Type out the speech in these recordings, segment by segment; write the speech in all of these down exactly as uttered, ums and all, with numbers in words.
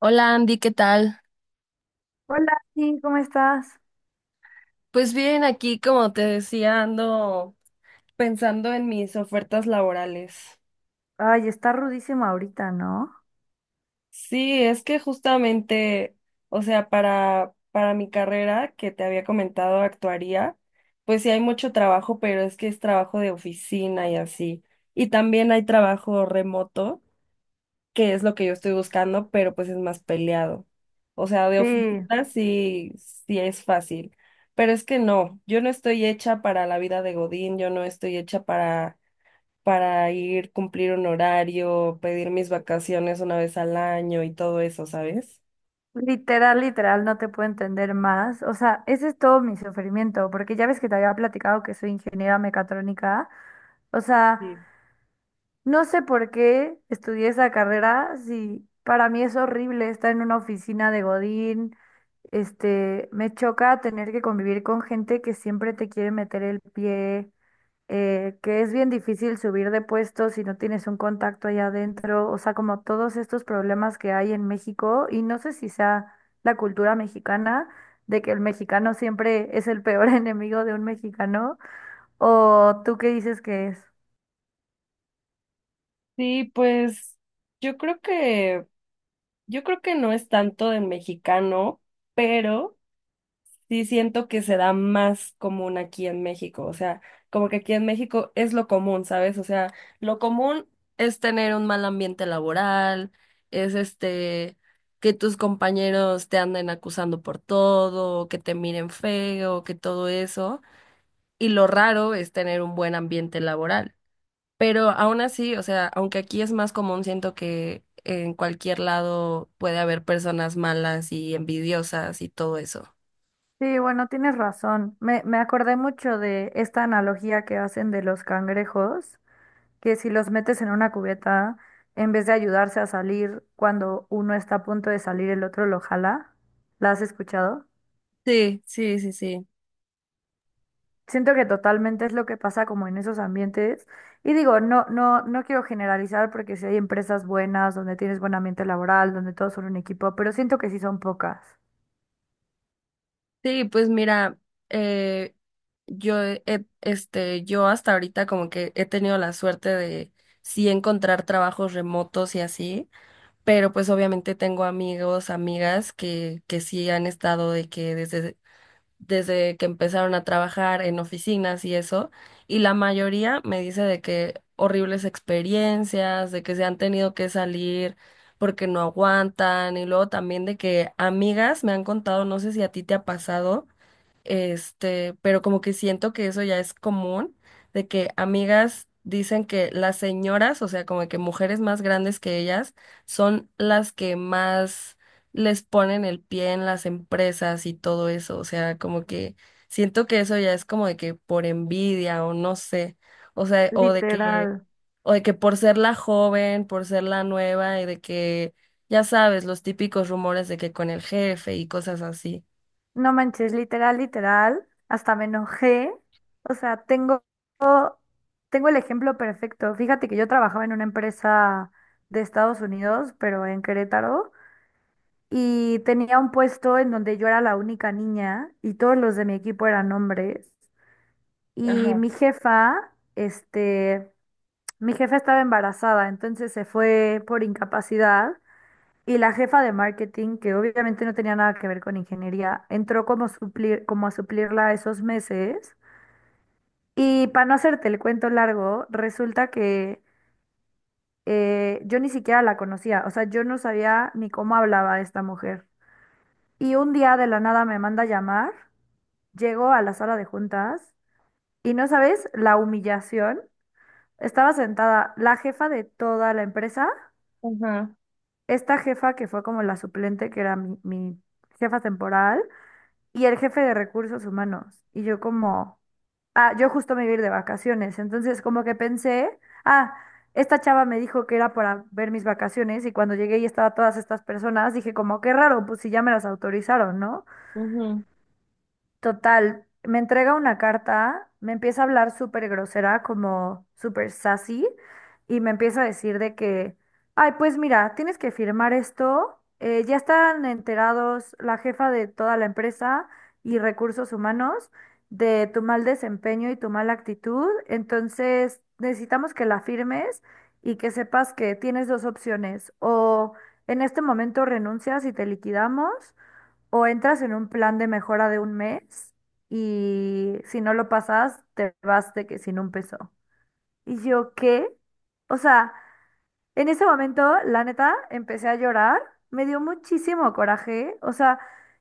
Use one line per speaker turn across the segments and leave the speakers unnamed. Hola Andy, ¿qué tal?
Hola, sí, ¿cómo estás?
Pues bien, aquí como te decía, ando pensando en mis ofertas laborales.
Ay, está rudísima ahorita, ¿no?
Sí, es que justamente, o sea, para, para mi carrera que te había comentado, actuaría, pues sí hay mucho trabajo, pero es que es trabajo de oficina y así. Y también hay trabajo remoto, que es lo que yo estoy buscando, pero pues es más peleado. O sea, de
Sí,
oficina sí, sí es fácil, pero es que no, yo no estoy hecha para la vida de Godín, yo no estoy hecha para, para ir, cumplir un horario, pedir mis vacaciones una vez al año y todo eso, ¿sabes?
literal, literal, no te puedo entender más. O sea, ese es todo mi sufrimiento, porque ya ves que te había platicado que soy ingeniera mecatrónica. O sea,
Sí.
no sé por qué estudié esa carrera, si para mí es horrible estar en una oficina de Godín. Este, me choca tener que convivir con gente que siempre te quiere meter el pie. Eh, que es bien difícil subir de puesto si no tienes un contacto allá adentro, o sea, como todos estos problemas que hay en México, y no sé si sea la cultura mexicana, de que el mexicano siempre es el peor enemigo de un mexicano, o tú qué dices que es.
Sí, pues yo creo que, yo creo que no es tanto de mexicano, pero sí siento que se da más común aquí en México, o sea, como que aquí en México es lo común, ¿sabes? O sea, lo común es tener un mal ambiente laboral, es este, que tus compañeros te anden acusando por todo, que te miren feo, que todo eso, y lo raro es tener un buen ambiente laboral. Pero aún así, o sea, aunque aquí es más común, siento que en cualquier lado puede haber personas malas y envidiosas y todo eso.
Sí, bueno, tienes razón. Me, me acordé mucho de esta analogía que hacen de los cangrejos, que si los metes en una cubeta, en vez de ayudarse a salir cuando uno está a punto de salir, el otro lo jala. ¿La has escuchado?
Sí, sí, sí, sí.
Siento que totalmente es lo que pasa como en esos ambientes. Y digo, no, no, no quiero generalizar porque si hay empresas buenas, donde tienes buen ambiente laboral, donde todos son un equipo, pero siento que sí son pocas.
Sí, pues mira, eh, yo he- he- este, yo hasta ahorita como que he tenido la suerte de sí encontrar trabajos remotos y así, pero pues obviamente tengo amigos, amigas que, que sí han estado de que desde, desde que empezaron a trabajar en oficinas y eso, y la mayoría me dice de que horribles experiencias, de que se han tenido que salir porque no aguantan, y luego también de que amigas me han contado, no sé si a ti te ha pasado este, pero como que siento que eso ya es común, de que amigas dicen que las señoras, o sea, como que mujeres más grandes que ellas, son las que más les ponen el pie en las empresas y todo eso, o sea, como que siento que eso ya es como de que por envidia o no sé, o sea, o de que,
Literal.
o de que por ser la joven, por ser la nueva y de que, ya sabes, los típicos rumores de que con el jefe y cosas así.
No manches, literal, literal. Hasta me enojé. O sea, tengo, tengo el ejemplo perfecto. Fíjate que yo trabajaba en una empresa de Estados Unidos, pero en Querétaro, y tenía un puesto en donde yo era la única niña y todos los de mi equipo eran hombres. Y
Ajá,
mi jefa, este, mi jefa estaba embarazada, entonces se fue por incapacidad. Y la jefa de marketing, que obviamente no tenía nada que ver con ingeniería, entró como, suplir, como a suplirla esos meses. Y para no hacerte el cuento largo, resulta que eh, yo ni siquiera la conocía, o sea, yo no sabía ni cómo hablaba esta mujer. Y un día de la nada me manda a llamar, llego a la sala de juntas y no sabes la humillación. Estaba sentada la jefa de toda la empresa,
ajá.
esta jefa que fue como la suplente, que era mi, mi jefa temporal, y el jefe de recursos humanos. Y yo como, ah, yo justo me iba a ir de vacaciones, entonces como que pensé, ah, esta chava me dijo que era para ver mis vacaciones y cuando llegué y estaba todas estas personas, dije como, qué raro, pues si ya me las autorizaron, ¿no?
Ujú.
Total, me entrega una carta, me empieza a hablar súper grosera, como súper sassy, y me empieza a decir de que, ay, pues mira, tienes que firmar esto, eh, ya están enterados la jefa de toda la empresa y recursos humanos de tu mal desempeño y tu mala actitud, entonces necesitamos que la firmes y que sepas que tienes dos opciones, o en este momento renuncias y te liquidamos. O entras en un plan de mejora de un mes y si no lo pasas, te vas de que sin un peso. Y yo, ¿qué? O sea, en ese momento, la neta, empecé a llorar, me dio muchísimo coraje, o sea,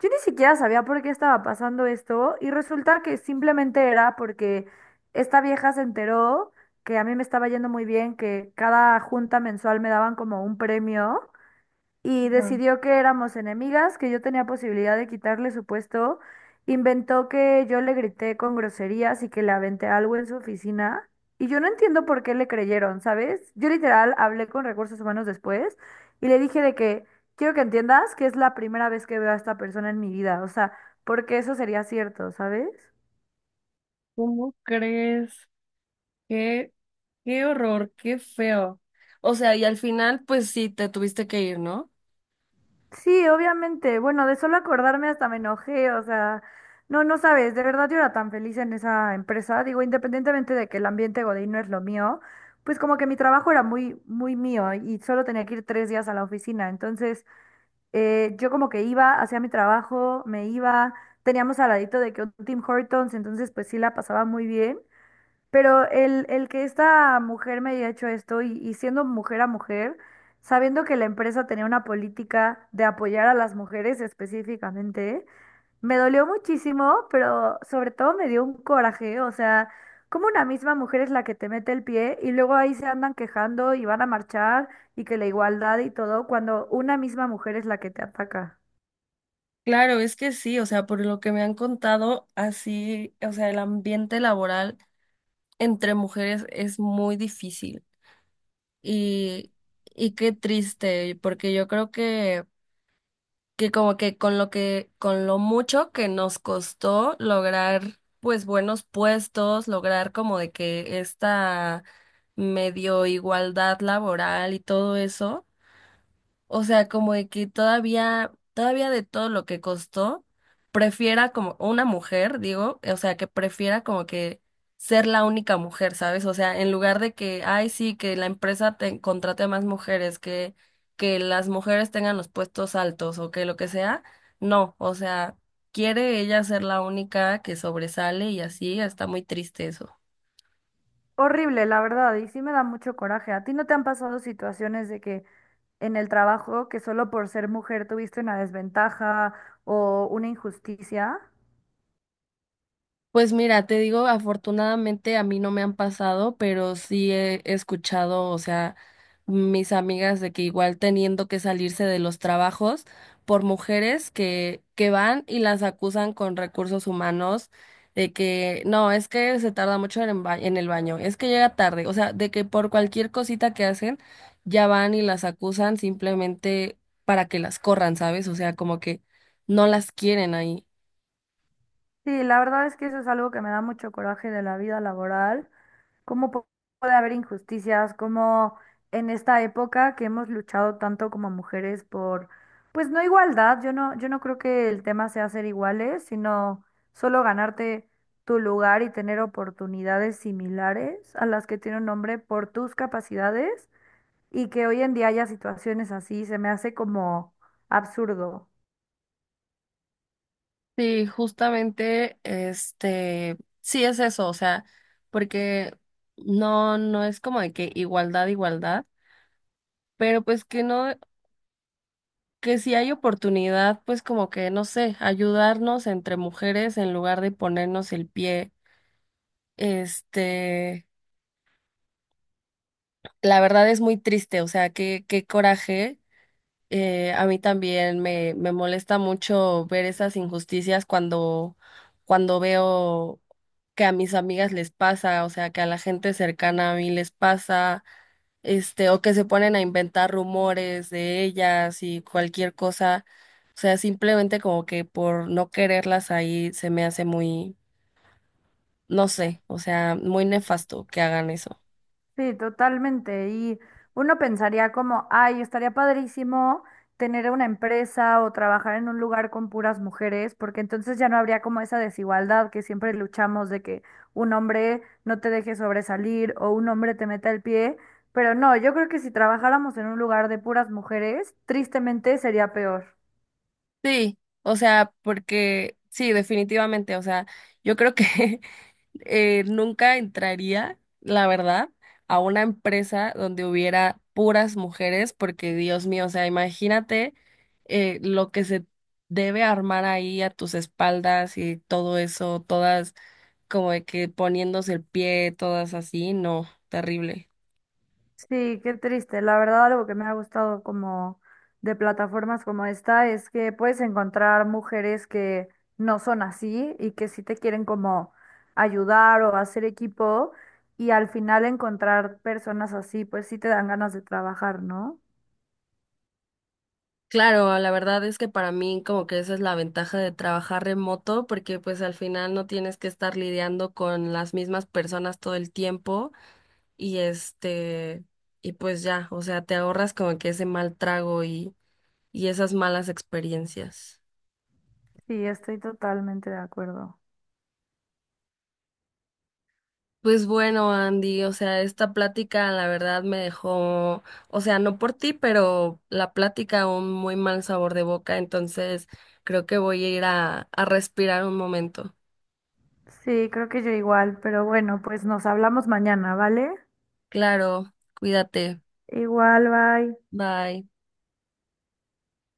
yo ni siquiera sabía por qué estaba pasando esto y resulta que simplemente era porque esta vieja se enteró que a mí me estaba yendo muy bien, que cada junta mensual me daban como un premio y decidió que éramos enemigas, que yo tenía posibilidad de quitarle su puesto. Inventó que yo le grité con groserías y que le aventé algo en su oficina. Y yo no entiendo por qué le creyeron, ¿sabes? Yo literal hablé con recursos humanos después y le dije de que quiero que entiendas que es la primera vez que veo a esta persona en mi vida. O sea, porque eso sería cierto, ¿sabes?
¿Cómo crees? Qué, qué horror, qué feo. O sea, y al final, pues sí, te tuviste que ir, ¿no?
Sí, obviamente. Bueno, de solo acordarme hasta me enojé, o sea, no, no sabes, de verdad yo era tan feliz en esa empresa. Digo, independientemente de que el ambiente Godín no es lo mío, pues como que mi trabajo era muy, muy mío y solo tenía que ir tres días a la oficina. Entonces, eh, yo como que iba, hacía mi trabajo, me iba, teníamos al ladito de que un Tim Hortons, entonces pues sí la pasaba muy bien. Pero el, el que esta mujer me haya hecho esto y, y siendo mujer a mujer, sabiendo que la empresa tenía una política de apoyar a las mujeres específicamente, me dolió muchísimo, pero sobre todo me dio un coraje. O sea, como una misma mujer es la que te mete el pie y luego ahí se andan quejando y van a marchar y que la igualdad y todo, cuando una misma mujer es la que te ataca.
Claro, es que sí, o sea, por lo que me han contado, así, o sea, el ambiente laboral entre mujeres es muy difícil y, y qué triste, porque yo creo que que como que con lo que, con lo mucho que nos costó lograr pues buenos puestos, lograr como de que esta medio igualdad laboral y todo eso. O sea, como de que todavía, todavía de todo lo que costó, prefiera como una mujer, digo, o sea, que prefiera como que ser la única mujer, ¿sabes? O sea, en lugar de que, ay, sí, que la empresa te contrate más mujeres, que, que las mujeres tengan los puestos altos o que lo que sea, no, o sea, quiere ella ser la única que sobresale y así, está muy triste eso.
Horrible, la verdad, y sí me da mucho coraje. ¿A ti no te han pasado situaciones de que en el trabajo, que solo por ser mujer tuviste una desventaja o una injusticia?
Pues mira, te digo, afortunadamente a mí no me han pasado, pero sí he escuchado, o sea, mis amigas de que igual teniendo que salirse de los trabajos por mujeres que, que van y las acusan con recursos humanos de que no, es que se tarda mucho en, el ba- en el baño, es que llega tarde, o sea, de que por cualquier cosita que hacen ya van y las acusan simplemente para que las corran, ¿sabes? O sea, como que no las quieren ahí.
Sí, la verdad es que eso es algo que me da mucho coraje de la vida laboral. ¿Cómo pu- puede haber injusticias? ¿Cómo en esta época que hemos luchado tanto como mujeres por, pues no igualdad, yo no, yo no creo que el tema sea ser iguales, sino solo ganarte tu lugar y tener oportunidades similares a las que tiene un hombre por tus capacidades y que hoy en día haya situaciones así, se me hace como absurdo?
Sí, justamente, este, sí es eso, o sea, porque no, no es como de que igualdad, igualdad, pero pues que no, que si hay oportunidad, pues como que, no sé, ayudarnos entre mujeres en lugar de ponernos el pie, este, la verdad es muy triste, o sea, qué, qué coraje. Eh, a mí también me, me molesta mucho ver esas injusticias cuando, cuando veo que a mis amigas les pasa, o sea, que a la gente cercana a mí les pasa, este, o que se ponen a inventar rumores de ellas y cualquier cosa. O sea, simplemente como que por no quererlas ahí se me hace muy, no sé, o sea, muy nefasto que hagan eso.
Sí, totalmente. Y uno pensaría como, ay, estaría padrísimo tener una empresa o trabajar en un lugar con puras mujeres, porque entonces ya no habría como esa desigualdad que siempre luchamos de que un hombre no te deje sobresalir o un hombre te meta el pie. Pero no, yo creo que si trabajáramos en un lugar de puras mujeres, tristemente sería peor.
Sí, o sea, porque sí, definitivamente, o sea, yo creo que eh, nunca entraría, la verdad, a una empresa donde hubiera puras mujeres, porque Dios mío, o sea, imagínate eh, lo que se debe armar ahí a tus espaldas y todo eso, todas como de que poniéndose el pie, todas así, no, terrible.
Sí, qué triste. La verdad, algo que me ha gustado como de plataformas como esta es que puedes encontrar mujeres que no son así y que sí te quieren como ayudar o hacer equipo y al final encontrar personas así, pues sí te dan ganas de trabajar, ¿no?
Claro, la verdad es que para mí como que esa es la ventaja de trabajar remoto, porque pues al final no tienes que estar lidiando con las mismas personas todo el tiempo y este, y pues ya, o sea, te ahorras como que ese mal trago y, y esas malas experiencias.
Sí, estoy totalmente de acuerdo.
Pues bueno, Andy, o sea, esta plática la verdad me dejó, o sea, no por ti, pero la plática un muy mal sabor de boca, entonces creo que voy a ir a, a respirar un momento.
Sí, creo que yo igual, pero bueno, pues nos hablamos mañana, ¿vale?
Claro, cuídate.
Igual, bye.
Bye.